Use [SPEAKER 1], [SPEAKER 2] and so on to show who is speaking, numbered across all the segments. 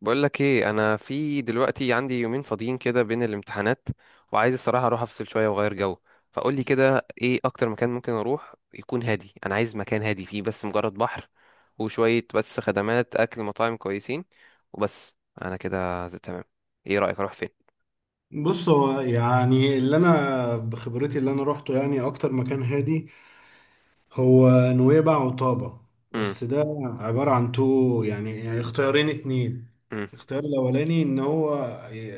[SPEAKER 1] بقول لك ايه، انا في دلوقتي عندي يومين فاضيين كده بين الامتحانات، وعايز الصراحه اروح افصل شويه واغير جو. فقول لي كده، ايه اكتر مكان ممكن اروح يكون هادي؟ انا عايز مكان هادي فيه بس مجرد بحر، وشويه بس خدمات، اكل، مطاعم كويسين. وبس. انا كده زي تمام. ايه رايك اروح فين؟
[SPEAKER 2] بص هو يعني اللي انا بخبرتي اللي انا روحته يعني اكتر مكان هادي هو نويبع وطابة.
[SPEAKER 1] امم.
[SPEAKER 2] بس ده عبارة عن تو يعني اختيارين اتنين.
[SPEAKER 1] امم.
[SPEAKER 2] الاختيار الاولاني ان هو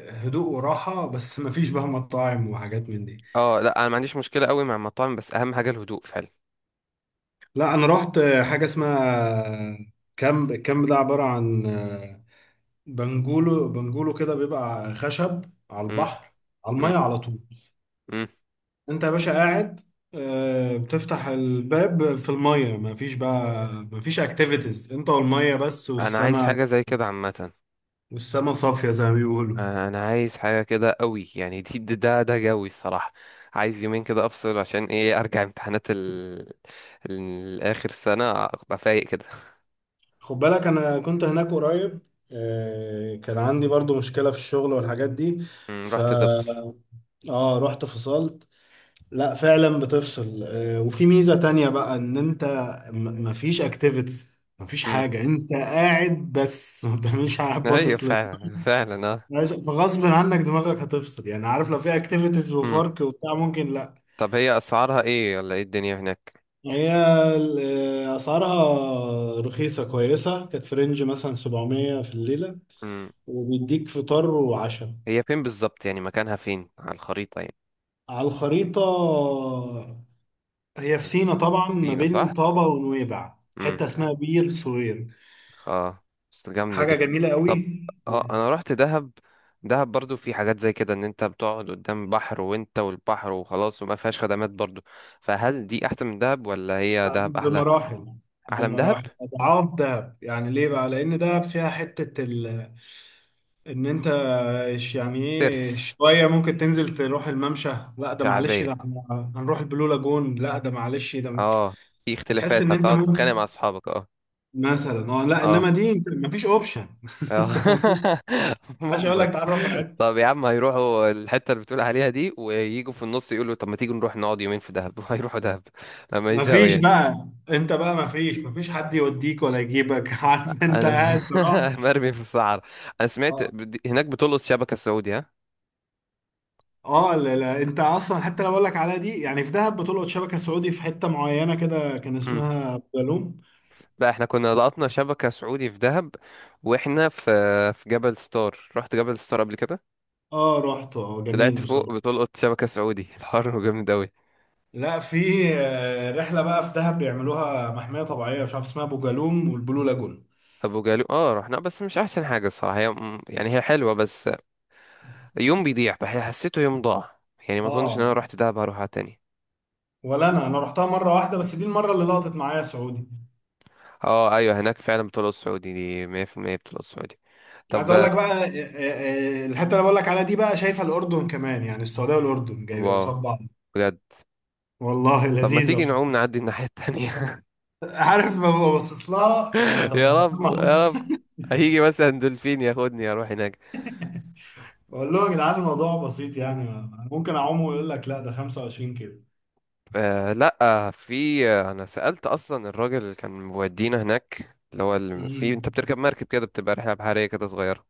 [SPEAKER 2] هدوء وراحة بس مفيش بقى مطاعم وحاجات من دي.
[SPEAKER 1] اه، لا انا ما عنديش مشكله قوي مع المطاعم، بس اهم حاجه الهدوء فعلا.
[SPEAKER 2] لا انا روحت حاجة اسمها كامب. الكامب ده عبارة عن بنجولو كده، بيبقى خشب على
[SPEAKER 1] امم.
[SPEAKER 2] البحر، على
[SPEAKER 1] امم.
[SPEAKER 2] المية على طول.
[SPEAKER 1] امم.
[SPEAKER 2] انت يا باشا قاعد، بتفتح الباب في المية. مفيش بقى، مفيش اكتيفيتيز، انت والمية بس
[SPEAKER 1] انا عايز
[SPEAKER 2] والسما.
[SPEAKER 1] حاجه زي كده عامه.
[SPEAKER 2] والسما صافية زي ما بيقولوا.
[SPEAKER 1] انا عايز حاجه كده قوي، يعني ده جوي الصراحه. عايز يومين كده افصل، عشان ايه ارجع امتحانات الاخر سنه ابقى فايق كده.
[SPEAKER 2] خد بالك انا كنت هناك قريب، كان عندي برضو مشكلة في الشغل والحاجات دي. ف
[SPEAKER 1] رحت تفصل؟
[SPEAKER 2] اه، رحت فصلت. لا فعلا بتفصل، وفي ميزة تانية بقى ان انت مفيش اكتيفيتيز، مفيش
[SPEAKER 1] مم.
[SPEAKER 2] حاجة، انت قاعد بس ما بتعملش حاجة،
[SPEAKER 1] ايوه،
[SPEAKER 2] باصص.
[SPEAKER 1] فعلا فعلا، اه.
[SPEAKER 2] ماشي، فغصب عنك دماغك هتفصل يعني. عارف لو في اكتيفيتيز
[SPEAKER 1] مم.
[SPEAKER 2] وفرق وبتاع ممكن لا.
[SPEAKER 1] طب هي اسعارها ايه، ولا ايه الدنيا هناك؟
[SPEAKER 2] يعني هي ال- اسعارها رخيصه كويسه، كانت في رينج مثلا 700 في الليله،
[SPEAKER 1] مم.
[SPEAKER 2] وبيديك فطار وعشاء.
[SPEAKER 1] هي فين بالظبط يعني، مكانها فين على الخريطه يعني؟
[SPEAKER 2] على الخريطه، هي في سينا طبعا، ما
[SPEAKER 1] فينا،
[SPEAKER 2] بين
[SPEAKER 1] صح.
[SPEAKER 2] طابا ونويبع، حته اسمها بير سوير.
[SPEAKER 1] اه. بس جامدة
[SPEAKER 2] حاجه
[SPEAKER 1] دي.
[SPEAKER 2] جميله قوي.
[SPEAKER 1] طب. اه، انا رحت دهب. دهب برضو في حاجات زي كده، ان انت بتقعد قدام بحر وانت والبحر وخلاص، وما فيهاش خدمات برضو. فهل دي احسن من دهب ولا هي دهب احلى؟
[SPEAKER 2] بمراحل،
[SPEAKER 1] احلى من دهب.
[SPEAKER 2] بمراحل اضعاف دهب. يعني ليه بقى؟ لان دهب فيها حته ال... ان انت إيش يعني ايه؟
[SPEAKER 1] ترس.
[SPEAKER 2] شوية ممكن تنزل تروح الممشى. لا ده معلش، ده
[SPEAKER 1] شعبية.
[SPEAKER 2] هنروح البلو لاجون. لا ده معلش، ده
[SPEAKER 1] اه. في
[SPEAKER 2] هتحس
[SPEAKER 1] اختلافات
[SPEAKER 2] ان انت
[SPEAKER 1] هتقعد
[SPEAKER 2] ممكن
[SPEAKER 1] تتخانق مع اصحابك، اه.
[SPEAKER 2] مثلا. اه لا،
[SPEAKER 1] اه.
[SPEAKER 2] انما دي انت مفيش اوبشن
[SPEAKER 1] اه.
[SPEAKER 2] انت مفيش. عشان اقول
[SPEAKER 1] مجبر.
[SPEAKER 2] لك تعرف على حد.
[SPEAKER 1] طب يا عم، هيروحوا الحتة اللي بتقول عليها دي، ويجوا في النص يقولوا طب ما تيجوا نروح نقعد يومين في دهب، وهيروحوا دهب. لما يزهقوا
[SPEAKER 2] مفيش
[SPEAKER 1] يعني.
[SPEAKER 2] بقى، انت بقى مفيش حد يوديك ولا يجيبك عارف انت
[SPEAKER 1] انا
[SPEAKER 2] قاعد تروح.
[SPEAKER 1] مرمي في الصحراء. انا سمعت
[SPEAKER 2] اه.
[SPEAKER 1] هناك بتلقط شبكه سعودي، ها؟
[SPEAKER 2] لا لا، انت اصلا حتى لو اقول لك على دي. يعني في دهب بتلقط شبكة سعودي في حتة معينة كده، كان
[SPEAKER 1] امم.
[SPEAKER 2] اسمها بلوم.
[SPEAKER 1] لا، احنا كنا لقطنا شبكه سعودي في دهب. واحنا في جبل ستار. رحت جبل ستار قبل كده.
[SPEAKER 2] اه رحت، اه، جميل
[SPEAKER 1] طلعت فوق
[SPEAKER 2] بصراحة.
[SPEAKER 1] بتلقط شبكه سعودي. الحر جامد قوي.
[SPEAKER 2] لا، في رحله بقى في دهب بيعملوها، محميه طبيعيه مش عارف اسمها، ابو جالوم والبلو لاجون.
[SPEAKER 1] ابو جالو، اه رحنا، بس مش احسن حاجه الصراحه. هي يعني هي حلوه، بس يوم بيضيع. حسيته يوم ضاع. يعني ما اظنش ان انا
[SPEAKER 2] اه.
[SPEAKER 1] رحت دهب هروحها تاني.
[SPEAKER 2] ولا انا رحتها مره واحده بس، دي المره اللي لقطت معايا سعودي.
[SPEAKER 1] اه ايوه، هناك فعلا بتلقط سعودي. دي 100% بتلقط سعودي.
[SPEAKER 2] عايز
[SPEAKER 1] طب.
[SPEAKER 2] اقول لك بقى، الحته اللي بقول لك عليها دي بقى، شايفه الاردن كمان. يعني السعوديه والاردن جايبين
[SPEAKER 1] واو.
[SPEAKER 2] قصاد بعض.
[SPEAKER 1] بجد.
[SPEAKER 2] والله
[SPEAKER 1] طب ما
[SPEAKER 2] لذيذه
[SPEAKER 1] تيجي
[SPEAKER 2] بصراحه.
[SPEAKER 1] نعوم نعدي الناحيه التانيه.
[SPEAKER 2] عارف ما ببصص لها. يعني طب ما
[SPEAKER 1] يا
[SPEAKER 2] أنا
[SPEAKER 1] رب
[SPEAKER 2] أعوم.
[SPEAKER 1] يا رب. هيجي مثلا دولفين ياخدني اروح هناك.
[SPEAKER 2] بقول لهم يا جدعان الموضوع بسيط، يعني ممكن اعوم، ويقول لك لا ده 25 كيلو.
[SPEAKER 1] آه لا، في، انا سألت اصلا الراجل اللي كان مودينا هناك، اللي هو اللي في، انت
[SPEAKER 2] امم،
[SPEAKER 1] بتركب مركب كده، بتبقى رحله بحريه كده صغيره.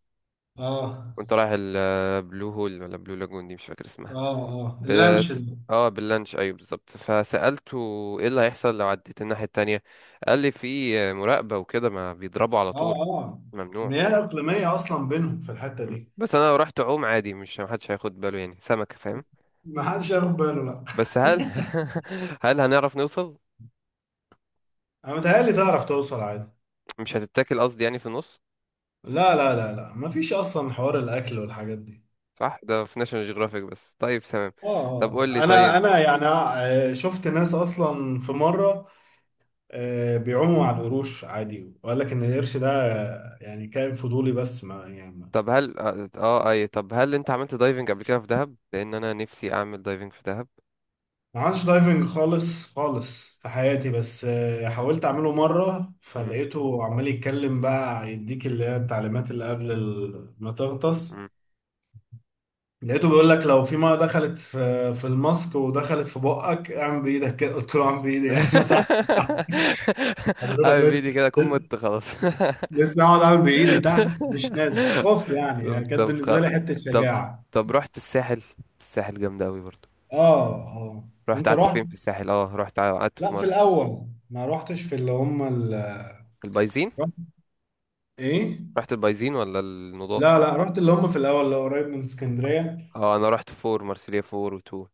[SPEAKER 2] اه
[SPEAKER 1] وانت رايح البلو هول ولا بلو لاجون، دي مش فاكر اسمها.
[SPEAKER 2] اه اه، اللانش
[SPEAKER 1] بس.
[SPEAKER 2] ده.
[SPEAKER 1] اه باللانش، ايوه بالظبط. فسألته ايه اللي هيحصل لو عديت الناحيه التانية؟ قال لي في مراقبه وكده، ما بيضربوا على طول.
[SPEAKER 2] اه اه.
[SPEAKER 1] ممنوع.
[SPEAKER 2] مياه اقليميه اصلا بينهم في الحته
[SPEAKER 1] مم.
[SPEAKER 2] دي.
[SPEAKER 1] بس انا لو رحت اعوم عادي، مش محدش هياخد باله يعني، سمكه، فاهم.
[SPEAKER 2] ما حدش ياخد باله لا.
[SPEAKER 1] بس هل، هل هنعرف نوصل؟
[SPEAKER 2] انا متهيألي تعرف توصل عادي.
[SPEAKER 1] مش هتتاكل قصدي يعني في النص؟
[SPEAKER 2] لا ما فيش اصلا حوار الاكل والحاجات دي.
[SPEAKER 1] صح، ده في ناشونال جيوغرافيك بس، طيب تمام. طب
[SPEAKER 2] اه
[SPEAKER 1] قول لي،
[SPEAKER 2] اه،
[SPEAKER 1] طيب.
[SPEAKER 2] انا يعني، شفت ناس اصلا في مره، بيعوموا على القروش عادي، وقال لك ان القرش ده، يعني كائن فضولي بس، ما يعني.
[SPEAKER 1] طب هل اه اي، طب هل انت عملت دايفنج قبل كده في دهب؟ لان انا نفسي اعمل دايفنج في دهب.
[SPEAKER 2] ما عملتش دايفنج خالص في حياتي، بس حاولت اعمله مره،
[SPEAKER 1] مم.
[SPEAKER 2] فلقيته عمال يتكلم بقى، يديك اللي هي التعليمات اللي قبل ما تغطس.
[SPEAKER 1] مم.
[SPEAKER 2] لقيته بيقول لك لو في ميه دخلت في الماسك ودخلت في بقك اعمل بايدك كده. قلت له اعمل بايدي إيه؟ احنا تحت، حضرتك
[SPEAKER 1] اعمل فيديو
[SPEAKER 2] لسه.
[SPEAKER 1] كده اكون مت خلاص.
[SPEAKER 2] لسه اقعد اعمل بايدي تحت، مش نازل، خفت يعني.
[SPEAKER 1] طب
[SPEAKER 2] يعني كانت
[SPEAKER 1] طب
[SPEAKER 2] بالنسبه لي حته
[SPEAKER 1] طب
[SPEAKER 2] شجاعه.
[SPEAKER 1] طب رحت الساحل. الساحل جامد قوي برضو.
[SPEAKER 2] اه اه.
[SPEAKER 1] رحت
[SPEAKER 2] انت
[SPEAKER 1] قعدت
[SPEAKER 2] رحت؟
[SPEAKER 1] فين في الساحل؟ اه رحت قعدت في
[SPEAKER 2] لا في
[SPEAKER 1] مرسى
[SPEAKER 2] الاول ما رحتش، في اللي هم ال...
[SPEAKER 1] البايزين.
[SPEAKER 2] رحت ايه؟
[SPEAKER 1] رحت البايزين ولا
[SPEAKER 2] لا
[SPEAKER 1] النضاف؟
[SPEAKER 2] لا، رحت اللي هم في الاول، اللي قريب من اسكندريه.
[SPEAKER 1] اه انا رحت فور مارسيليا، فور، وتو.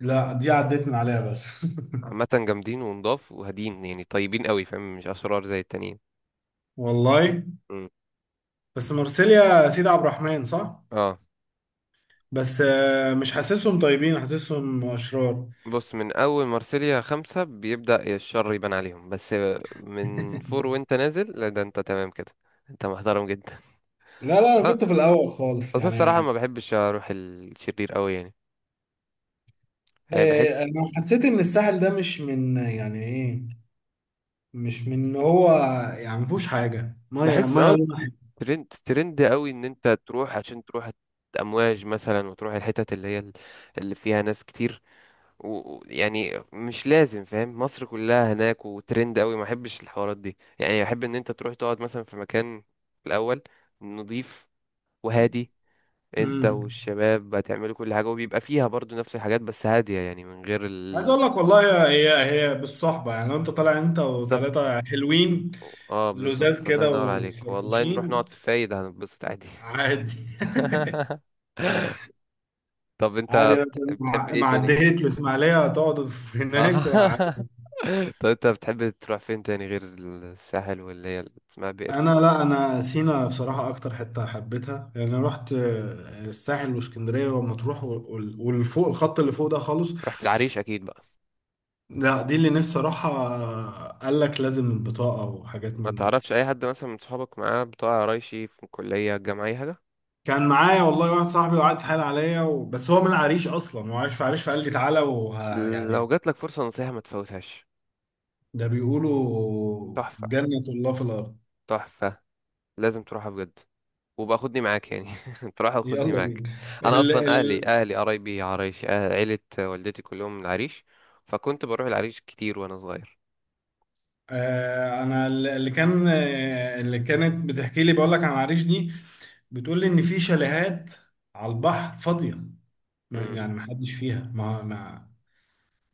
[SPEAKER 2] لا دي عديت من عليها بس
[SPEAKER 1] عامة جامدين ونضاف وهادين، يعني طيبين قوي، فاهم، مش اشرار زي التانيين.
[SPEAKER 2] والله،
[SPEAKER 1] مم.
[SPEAKER 2] بس مرسيليا سيدي عبد الرحمن صح.
[SPEAKER 1] اه
[SPEAKER 2] بس مش حاسسهم طيبين، حاسسهم اشرار.
[SPEAKER 1] بص، من اول مارسيليا خمسة بيبدأ الشر يبان عليهم، بس من فور وانت نازل، لا ده انت تمام كده، انت محترم جدا.
[SPEAKER 2] لا لا، انا
[SPEAKER 1] لا.
[SPEAKER 2] كنت في الاول خالص
[SPEAKER 1] بس الصراحة
[SPEAKER 2] يعني.
[SPEAKER 1] ما بحبش اروح الشرير قوي يعني. يعني بحس.
[SPEAKER 2] انا حسيت ان الساحل ده مش من، يعني ايه، مش من إن هو، يعني ما فيهوش حاجه، ميه
[SPEAKER 1] بحس،
[SPEAKER 2] ميه
[SPEAKER 1] اه.
[SPEAKER 2] لونها حلو.
[SPEAKER 1] ترند ترند قوي، ان انت تروح عشان تروح امواج مثلا، وتروح الحتت اللي هي اللي فيها ناس كتير يعني مش لازم، فاهم، مصر كلها هناك وترند قوي. ما احبش الحوارات دي يعني. احب ان انت تروح تقعد مثلا في مكان الاول، نضيف، وهادي. انت
[SPEAKER 2] امم.
[SPEAKER 1] والشباب هتعملوا كل حاجة، وبيبقى فيها برضو نفس الحاجات، بس هادية يعني، من غير
[SPEAKER 2] عايز
[SPEAKER 1] ال...
[SPEAKER 2] اقول لك والله، هي هي بالصحبه. يعني لو انت طالع انت
[SPEAKER 1] بالظبط.
[SPEAKER 2] وثلاثه حلوين،
[SPEAKER 1] اه
[SPEAKER 2] لزاز
[SPEAKER 1] بالظبط، الله
[SPEAKER 2] كده
[SPEAKER 1] ينور عليك والله، نروح
[SPEAKER 2] وفرفوشين،
[SPEAKER 1] نقعد في فايدة هنتبسط عادي.
[SPEAKER 2] عادي
[SPEAKER 1] طب انت
[SPEAKER 2] عادي بقى،
[SPEAKER 1] بتحب
[SPEAKER 2] مع
[SPEAKER 1] ايه
[SPEAKER 2] مع
[SPEAKER 1] تاني؟
[SPEAKER 2] عديت الإسماعيلية هتقعد في
[SPEAKER 1] اه.
[SPEAKER 2] هناك وعادي.
[SPEAKER 1] طب انت بتحب تروح فين تاني غير الساحل، واللي هي اللي اسمها بئر؟
[SPEAKER 2] أنا لا، أنا سينا بصراحة أكتر حتة حبيتها. يعني أنا رحت الساحل واسكندرية ومطروح والفوق، الخط اللي فوق ده خالص.
[SPEAKER 1] رحت العريش اكيد بقى.
[SPEAKER 2] لا دي اللي نفسي أروحها. قال لك لازم البطاقة وحاجات
[SPEAKER 1] ما
[SPEAKER 2] من دي.
[SPEAKER 1] تعرفش اي حد مثلا من صحابك معاه بتوع قرايشي في الكلية، الجامعة، اي حاجة؟
[SPEAKER 2] كان معايا والله واحد صاحبي، وقعد يتحايل عليا و... بس هو من العريش أصلا، وعايش في عريش، فقال لي تعالى وه...
[SPEAKER 1] لو
[SPEAKER 2] يعني.
[SPEAKER 1] جات لك فرصة نصيحة ما تفوتهاش.
[SPEAKER 2] ده بيقولوا
[SPEAKER 1] تحفة.
[SPEAKER 2] جنة الله في الأرض.
[SPEAKER 1] تحفة. لازم تروحها بجد. وبقى خدني معاك يعني. تروح وخدني
[SPEAKER 2] يلا
[SPEAKER 1] معاك.
[SPEAKER 2] بينا.
[SPEAKER 1] انا
[SPEAKER 2] ال
[SPEAKER 1] اصلا اهلي
[SPEAKER 2] ال
[SPEAKER 1] اهلي قرايبي عرايش، أهل عيلة والدتي كلهم من العريش. فكنت بروح العريش كتير وانا صغير.
[SPEAKER 2] آه انا اللي كان، آه، اللي كانت بتحكي لي، بقول لك عن العريش دي، بتقول لي ان في شاليهات على البحر فاضيه،
[SPEAKER 1] امم.
[SPEAKER 2] يعني ما حدش فيها، ما ما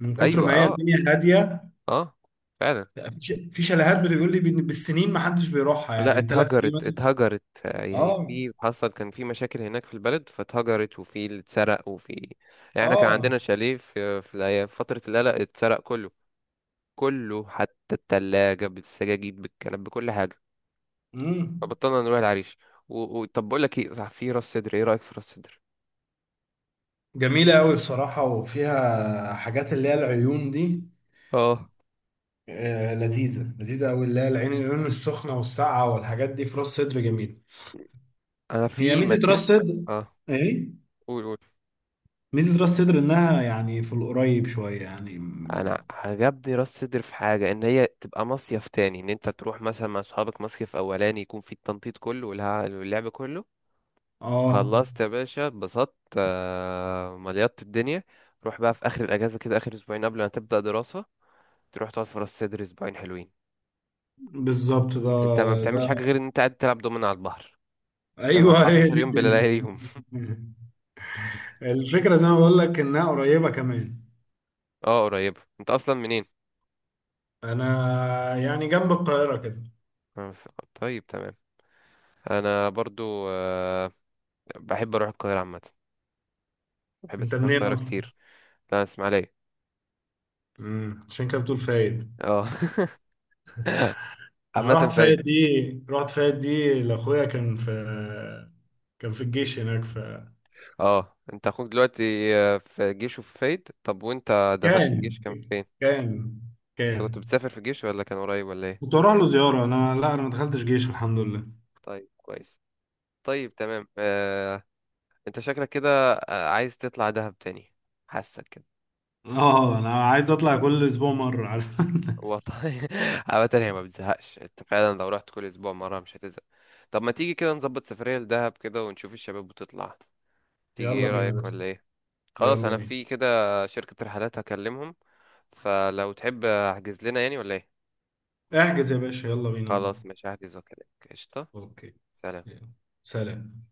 [SPEAKER 2] من كتر
[SPEAKER 1] ايوه،
[SPEAKER 2] ما هي
[SPEAKER 1] اه.
[SPEAKER 2] الدنيا هاديه.
[SPEAKER 1] اه. فعلا.
[SPEAKER 2] في في شاليهات بتقول لي بالسنين ما حدش بيروحها،
[SPEAKER 1] لا،
[SPEAKER 2] يعني 3 سنين
[SPEAKER 1] اتهجرت
[SPEAKER 2] مثلا.
[SPEAKER 1] اتهجرت، يعني
[SPEAKER 2] اه
[SPEAKER 1] في، حصل كان في مشاكل هناك في البلد، فاتهجرت، وفي اللي اتسرق، وفي، يعني احنا كان
[SPEAKER 2] اه.
[SPEAKER 1] عندنا شاليه في في فترة القلق اتسرق كله. كله، حتى التلاجة بالسجاجيد بالكنب بكل حاجة.
[SPEAKER 2] امم.
[SPEAKER 1] فبطلنا نروح العريش. طب بقول لك ايه، صح، في راس سدر، ايه رأيك في راس سدر؟
[SPEAKER 2] جميله قوي بصراحه، وفيها حاجات اللي هي العيون دي،
[SPEAKER 1] اه
[SPEAKER 2] لذيذة، لذيذة أوي، اللي هي العين، العيون السخنة والساقعة والحاجات دي في راس صدر جميل.
[SPEAKER 1] انا
[SPEAKER 2] هي
[SPEAKER 1] في
[SPEAKER 2] ميزة راس
[SPEAKER 1] مكان.
[SPEAKER 2] صدر
[SPEAKER 1] اه.
[SPEAKER 2] إيه؟
[SPEAKER 1] قول قول.
[SPEAKER 2] ميزة راس صدر إنها يعني في القريب شوية، يعني
[SPEAKER 1] انا عجبني راس سدر في حاجه، ان هي تبقى مصيف تاني، ان انت تروح مثلا مع اصحابك مصيف اولاني يكون في التنطيط كله واللعب كله.
[SPEAKER 2] آه.
[SPEAKER 1] خلصت يا باشا، اتبسطت، مليطت الدنيا. روح بقى في اخر الاجازه كده، اخر اسبوعين قبل ما تبدا دراسه، تروح تقعد في راس سدر اسبوعين حلوين.
[SPEAKER 2] بالظبط
[SPEAKER 1] انت ما
[SPEAKER 2] ده،
[SPEAKER 1] بتعملش
[SPEAKER 2] ده
[SPEAKER 1] حاجه غير ان انت قاعد تلعب دومينو على البحر. فاهم،
[SPEAKER 2] أيوه، هي
[SPEAKER 1] 14
[SPEAKER 2] دي
[SPEAKER 1] يوم بلا
[SPEAKER 2] الدنيا.
[SPEAKER 1] لياليهم.
[SPEAKER 2] الفكرة زي ما بقول لك إنها قريبة كمان.
[SPEAKER 1] اه قريبه. انت اصلا منين؟
[SPEAKER 2] أنا يعني جنب القاهرة كده.
[SPEAKER 1] أنا بس- طيب تمام. انا برضو بحب اروح القاهره عامه. بحب
[SPEAKER 2] أنت
[SPEAKER 1] اسافر
[SPEAKER 2] منين
[SPEAKER 1] القاهره
[SPEAKER 2] أصلا؟
[SPEAKER 1] كتير. لا، اسماعيليه.
[SPEAKER 2] مم، عشان كده بتقول فايد.
[SPEAKER 1] اه.
[SPEAKER 2] انا
[SPEAKER 1] عامه
[SPEAKER 2] رحت
[SPEAKER 1] فايد.
[SPEAKER 2] فايت دي، رحت فايت دي لاخويا، كان في، كان في الجيش هناك.
[SPEAKER 1] اه، انت اخوك دلوقتي في جيش وفي فايد، طب وانت دخلت
[SPEAKER 2] كان
[SPEAKER 1] الجيش كان فين؟
[SPEAKER 2] كان
[SPEAKER 1] انت كنت
[SPEAKER 2] كان
[SPEAKER 1] بتسافر في الجيش، ولا كان قريب، ولا ايه؟
[SPEAKER 2] كنت اروح له زياره. انا لا، انا ما دخلتش جيش الحمد لله.
[SPEAKER 1] طيب كويس. طيب تمام. انت شكلك كده عايز تطلع دهب تاني. حاسك كده.
[SPEAKER 2] اه انا عايز اطلع كل اسبوع مره، عارف.
[SPEAKER 1] والله. عامة هي ما بتزهقش، انت فعلا لو رحت كل اسبوع مرة مش هتزهق. طب ما تيجي كده نظبط سفرية لدهب كده، ونشوف الشباب بتطلع؟ تيجي،
[SPEAKER 2] يلا
[SPEAKER 1] ايه
[SPEAKER 2] بينا يا
[SPEAKER 1] رأيك
[SPEAKER 2] باشا.
[SPEAKER 1] ولا ايه؟ خلاص،
[SPEAKER 2] يلا
[SPEAKER 1] انا
[SPEAKER 2] بينا.
[SPEAKER 1] في كده. شركة رحلات هكلمهم، فلو تحب احجز لنا يعني، ولا ايه؟
[SPEAKER 2] احجز يا باشا، يلا بينا والله.
[SPEAKER 1] خلاص، مش هحجز وكده. قشطة.
[SPEAKER 2] اوكي.
[SPEAKER 1] سلام.
[SPEAKER 2] يلا. سلام.